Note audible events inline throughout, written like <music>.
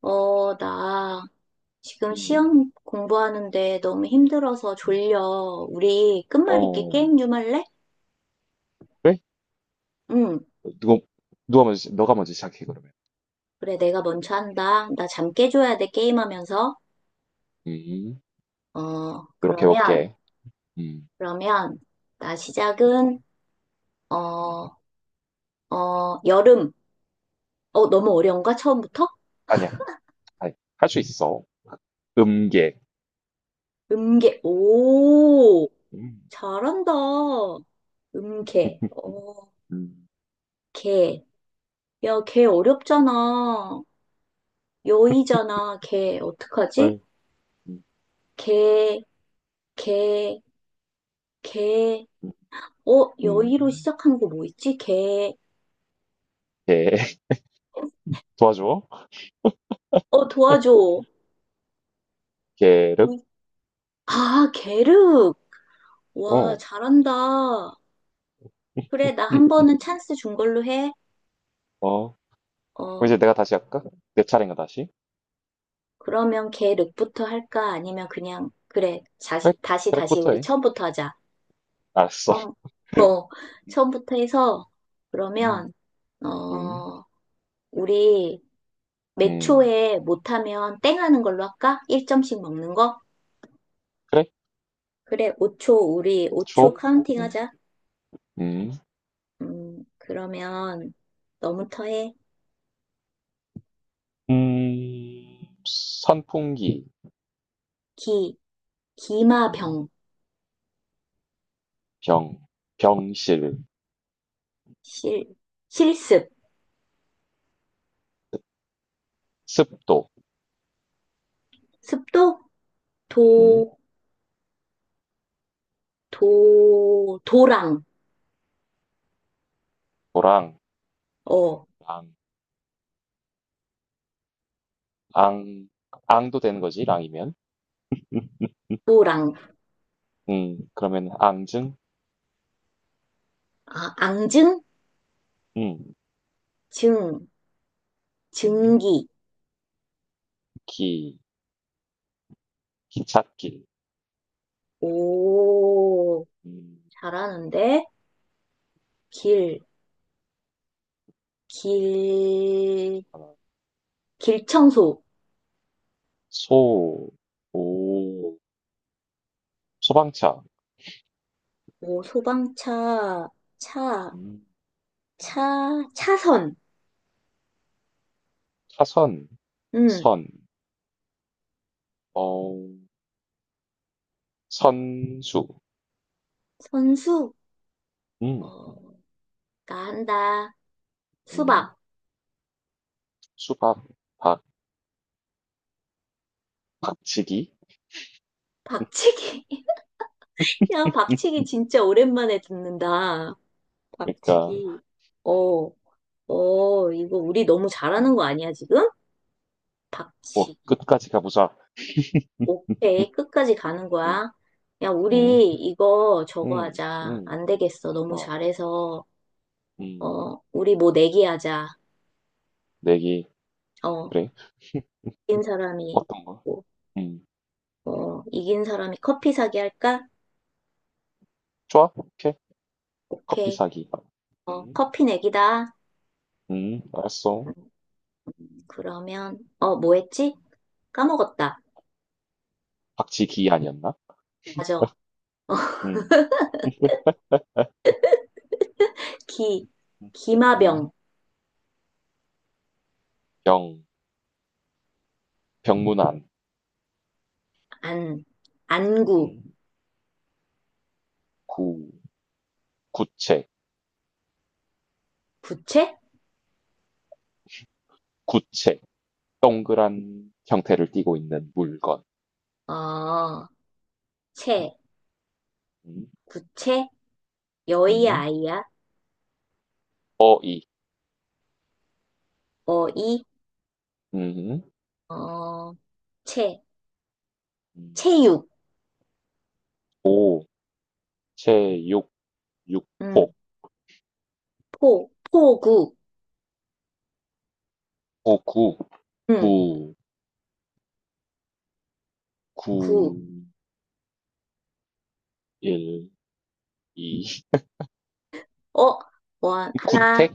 나 지금 음. 시험 공부하는데 너무 힘들어서 졸려. 우리 끝말잇기 어. 게임 좀 할래? 그래? 응, 누가 누가 먼저 너가 먼저 시작해 그러면. 그래, 내가 먼저 한다. 나 잠 깨줘야 돼, 게임하면서. 음. 어, 그렇게 그러면, 해볼게. 음. 그러면, 나 시작은, 어, 음. 어, 여름. 어, 너무 어려운가? 처음부터? 아니야. 아니, 할수 있어. 음계. 음계. 오, 음. 잘한다. 음계. 어, 음. 개. 야, 개 어렵잖아. 여의잖아, 개. 어떡하지? 음. 음. 개, 개, 개. 음. 어, 여의로 음. 시작한 거 뭐 있지? 개. 개. <laughs> 도와줘. 어, 도와줘. 계륵. 있- 아, 게륵. 와, 어. 잘한다. 그래, 나 한 번은 찬스 준 걸로 해. 어. 그럼 이제 어, 내가 다시 할까? 내 차례인가 다시? 그러면 게륵부터 할까? 아니면 그냥, 그래, 그래. 다시, 트랙부터 우리 해. 처음부터 하자. 알았어. 처음, 처음부터 해서, 음. 그러면, 음. 어, 우리 몇 음. 초에 못하면 땡 하는 걸로 할까? 1점씩 먹는 거? 그래. 그래, 5초, 우리 오 5초 초. 카운팅 음. 하자. 음. 그러면 너부터 해. 음. 선풍기. 기, 음. 기마병, 병, 병실, 실, 실습, 습도, 습도, 음, 도, 도랑, 도랑, 어, 랑, 앙, 앙도 되는 거지, 랑이면. 도랑, 그러면 앙증, 아, 앙증, 음, 증, 음, 증기, 기, 기찻길, 오, 음, 잘하는데, 길, 길, 하나, 길청소, 소, 오, 소방차, 오, 소방차, 차, 음, 차선, 차선, 음, 선, 어, 선수, 선수, 음, 어, 나 한다. 음, 수박. 수박, 박, 박치기. 박치기. <laughs> 야, 박치기 <laughs> 진짜 오랜만에 듣는다. 그러니까, 박치기. 어, 이거 우리 너무 잘하는 음, 거 아니야, 지금? 뭐, 박치기. 끝까지 가보자. <laughs> 오케이. 끝까지 가는 음, 거야. 야, 음. 우리 이거 저거 음. 하자. 음. 안 되겠어. 너무 막. 잘해서. 음. 어, 우리 뭐 내기 하자. 내기. 어, 그래. 이긴 사람이, 어떤 거? 뭐, 음. 어, 이긴 사람이 커피 사기 할까? 좋아. 오케이. 커피 오케이. 사기. 어, 음. 커피 내기다. 음. 알았어. 그러면, 어, 뭐 했지? 까먹었다. 박치기 아니었나? 맞아. 어, 음. 에? 기, 음. 기마병, 병. 병문안. 안, 안구, 음. 구. 구체. 부채? 구체. 동그란 형태를 띠고 있는 물건. 어, 채, 음. 구채, 여의야, 음. 아이야, 어이. 어이, 음. 어, 채, 음. 체육, 오. 체육. 음, 육폭. 포구, 구구. 음, 구. 구. 구, 구, 일. 이. 어, 원, 하나, 구택?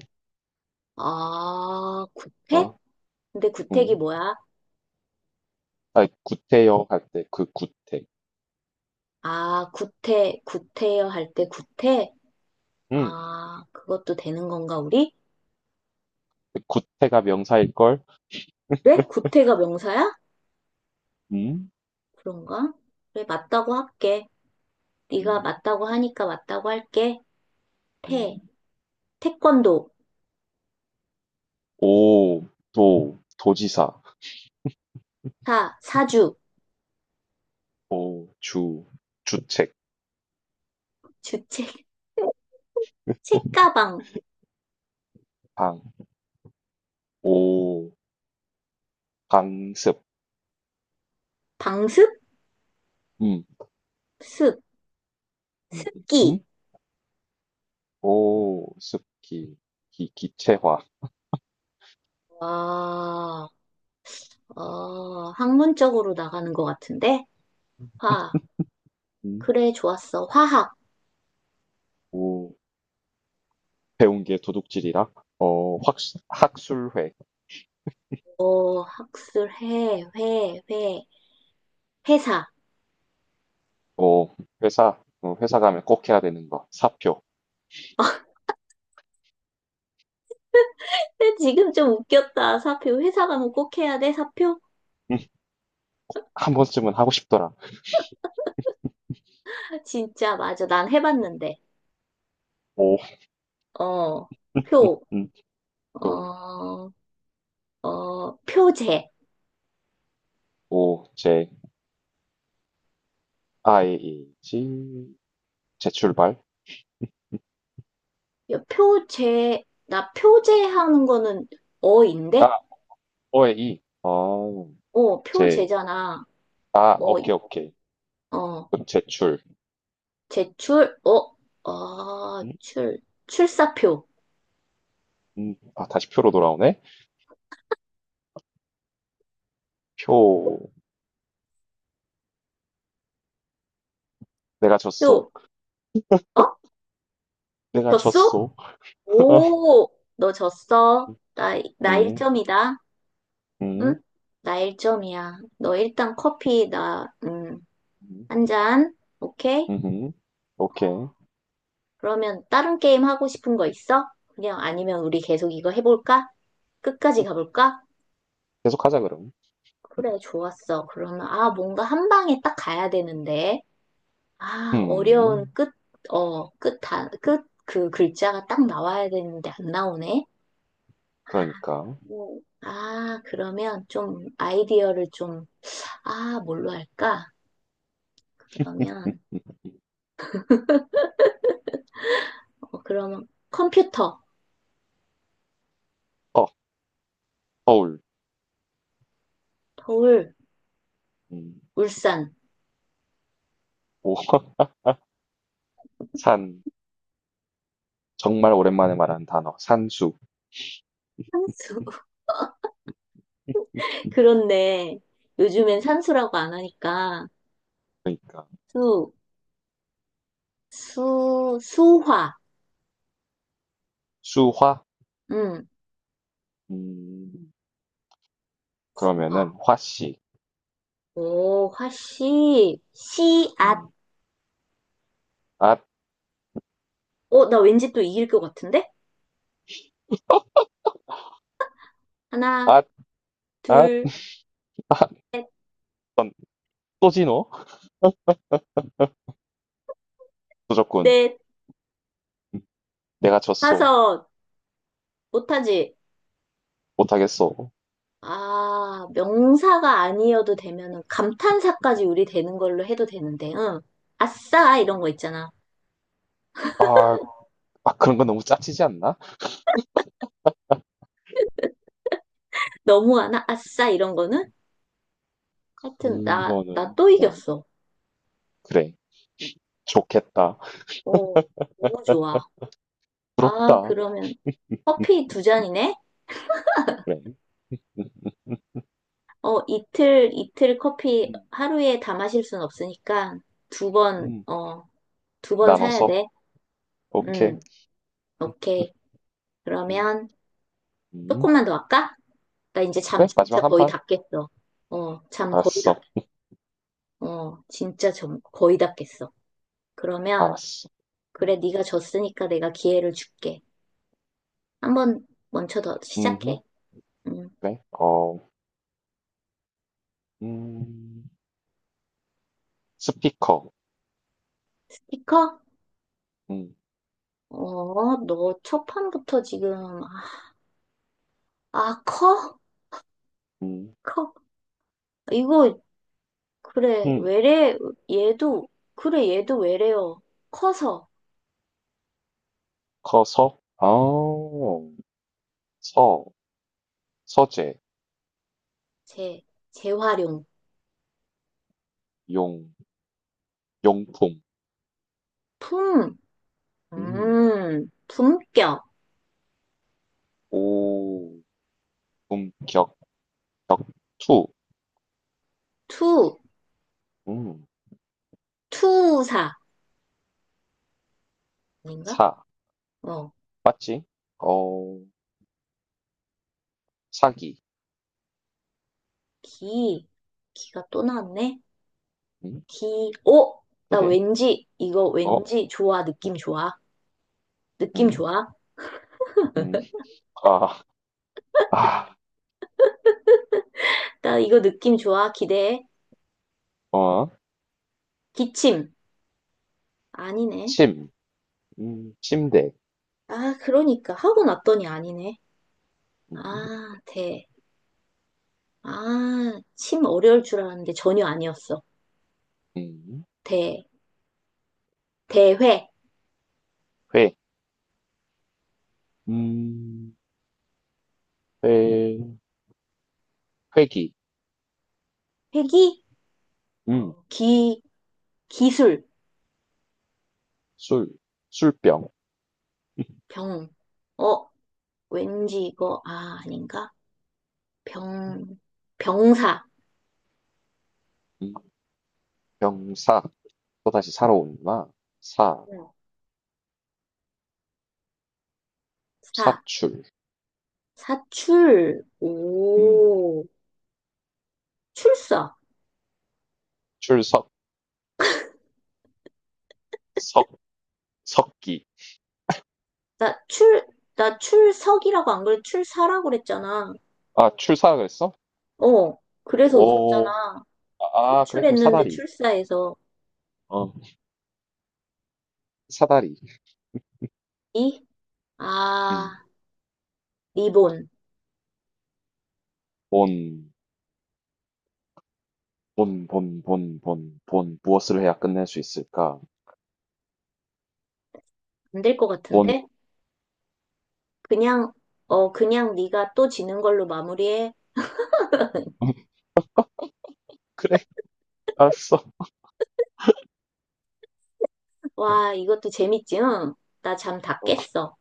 어, 구태? 어, 근데 구택이 음. 뭐야? 아, 구태여 할 때 그 구택. 아, 구태, 구태여 할 때 구태? 음. 아, 그것도 되는 건가, 우리? 구태가 명사일걸? 그래? 구태가 명사야? 음. 그런가? 그래, 맞다고 할게. 네가 음. 맞다고 하니까 맞다고 할게. 음. 태, 태권도, 오, 도, 도지사. 사, 사주, 오, 주, 주책. 주책, <laughs> 책가방, 방, 오, 강습. 방습, 음. 습, 음. 음? 습기. 오, 습기, 기, 기체화. 와, 어, 학문적으로 나가는 것 같은데? 화, 음. 그래, 좋았어. 화학, 오, 배운 게 도둑질이라. 어, 확, 학술회. 어, 학술해, 회사. 어, 회사, 어, 회사 가면 꼭 해야 되는 거. 사표. 지금 좀 웃겼다. 사표. 회사 가면 꼭 해야 돼, 사표? 음, 한 번쯤은 하고 싶더라. 진짜, 맞아. 난 해봤는데. 오. 어, 표. <laughs> 조, 어, 표제. 오, 제, 아이, 이, 지, 제출발. 야, 표제, 나 표제하는 거는 아, 어인데? 오에, 이. 아, 어, 제, 표제잖아. 아, 어, 이- 오케이, 오케이. 어, 그럼 제출. 제출, 어, 어, 음, 출, 출사표. 아, 다시 표로 돌아오네. 표, 내가 졌어. 표, 어? 내가 졌어? 졌어. <laughs> 오, 너 졌어. 나 음, 1점이다. 응? 음, 나 1점이야. 너 일단 커피, 나, 음, 한 잔. 오케이? 음, 오케이. 그러면 다른 게임 하고 싶은 거 있어? 그냥 아니면 우리 계속 이거 해볼까? 끝까지 가볼까? 계속 하자, 그럼. 그래, 좋았어. 그러면, 아, 뭔가 한 방에 딱 가야 되는데. 아, 어려운 음, 끝, 어, 끝, 단, 끝, 그 글자가 딱 나와야 되는데 안 나오네. 아, 그러니까. 뭐, 아, 그러면 좀 아이디어를 좀, 아, 뭘로 할까? 음, 그러면, 어, 그러면 컴퓨터, 어, 서울. 서울, 음, 울산, 오, <laughs> 산. 정말 오랜만에 말하는 단어. 산수. 산수. <laughs> <laughs> 음, 그렇네. 요즘엔 산수라고 안 하니까. 그러니까. 수, 수화. 수화? 응, 음, 수화. 그러면은 화씨. 오, 화씨, 씨앗. 음, 앗, 어, 나 왠지 또 이길 것 같은데? 하나, 앗, 앗. 둘, 넌 소진호? 조졌군. 넷, 내가 졌소. 다섯. 못하지? 못하겠소. 아, 명사가 아니어도 되면은 감탄사까지 우리 되는 걸로 해도 되는데, 응. 아싸, 이런 거 있잖아. 아, 아, 그런 건 너무 짜치지 않나? 너무하나? 아싸, 이런 거는? 하여튼, 너는, 나 또 어, 이겼어. 그래. 좋겠다. 오, 너무 좋아. 아, 부럽다. 그러면 음, 커피 두 잔이네? 그래. 음, 어, 이틀 커피 음, 하루에 다 마실 순 없으니까 두 번, 음. 어, 두 번 사야 나눠서. 돼. 오케이. 음, 음, 오케이. 음, 그러면 음. 조금만 더 할까? 나 이제 잠 그래, 진짜 마지막 한 거의 판. 다 깼어. 어, 잠 거의 다, 알았어. 어, 진짜 점, 거의 다 깼어. 그러면, 알았어. 음, 그래, 네가 졌으니까 내가 기회를 줄게. 한번 먼저 더 음, 시작해. 음, 그래. 어, 음, 스피커. 스티커? 음, 어, 너 첫 판부터 지금, 아, 아, 커? 음, 커? 이거 그래, 음. 외래, 얘도, 그래, 얘도 외래어. 커서, 커서, 아, 서, 서재, 재, 재활용. 용, 용품, 품, 음, 품격. 오, 품격, 격, 투, 투, 음, 투사. 아닌가? 사, 어, 맞지? 어, 사기, 기, 기가 또 나왔네. 음, 기, 오! 그나 게 왠지, 이거 어, 왠지 좋아, 음, 느낌 좋아. 느낌 음, 좋아. 음, 아, 아, 나 이거 느낌 좋아, 기대해. 어, 기침. 아니네. 침, 침대, 아, 그러니까. 하고 났더니 아니네. 음, 아, 대. 아, 심 어려울 줄 알았는데 전혀 아니었어. 음, 대, 대회, 회, 음, 회, 회기, 회기, 음, 어, 기술, 술, 술병, 병. 어, 왠지 이거, 아, 아닌가? 병, 병사, 음, 병사, 또다시 사러 온다. 사, 응. 사, 사출, 사출, 음, 오, 출사. 출석, 석, 석기. 나 출, 나 출석이라고 안 그래? 출사라고 그랬잖아. 아, 출사 그랬어? 어, 그래서 오, 웃었잖아. 아, 아, 그래, 그럼 출했는데 사다리. 출사해서. 어, 사다리. 이, 아, 음, 리본. 본, 본, 본, 본, 본, 본, 무엇을 해야 끝낼 수 있을까? 안될 것 본. 같은데? 그냥, 어, 그냥 네가 또 지는 걸로 마무리해. <laughs> 그래, 알았어. 와, 이것도 재밌지, 응? 나 잠 다 어, 깼어.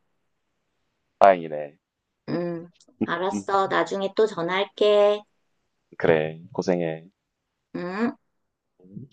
다행이네. 음, 음, 알았어. 나중에 또 전화할게. 그래, 고생해. 응? 음.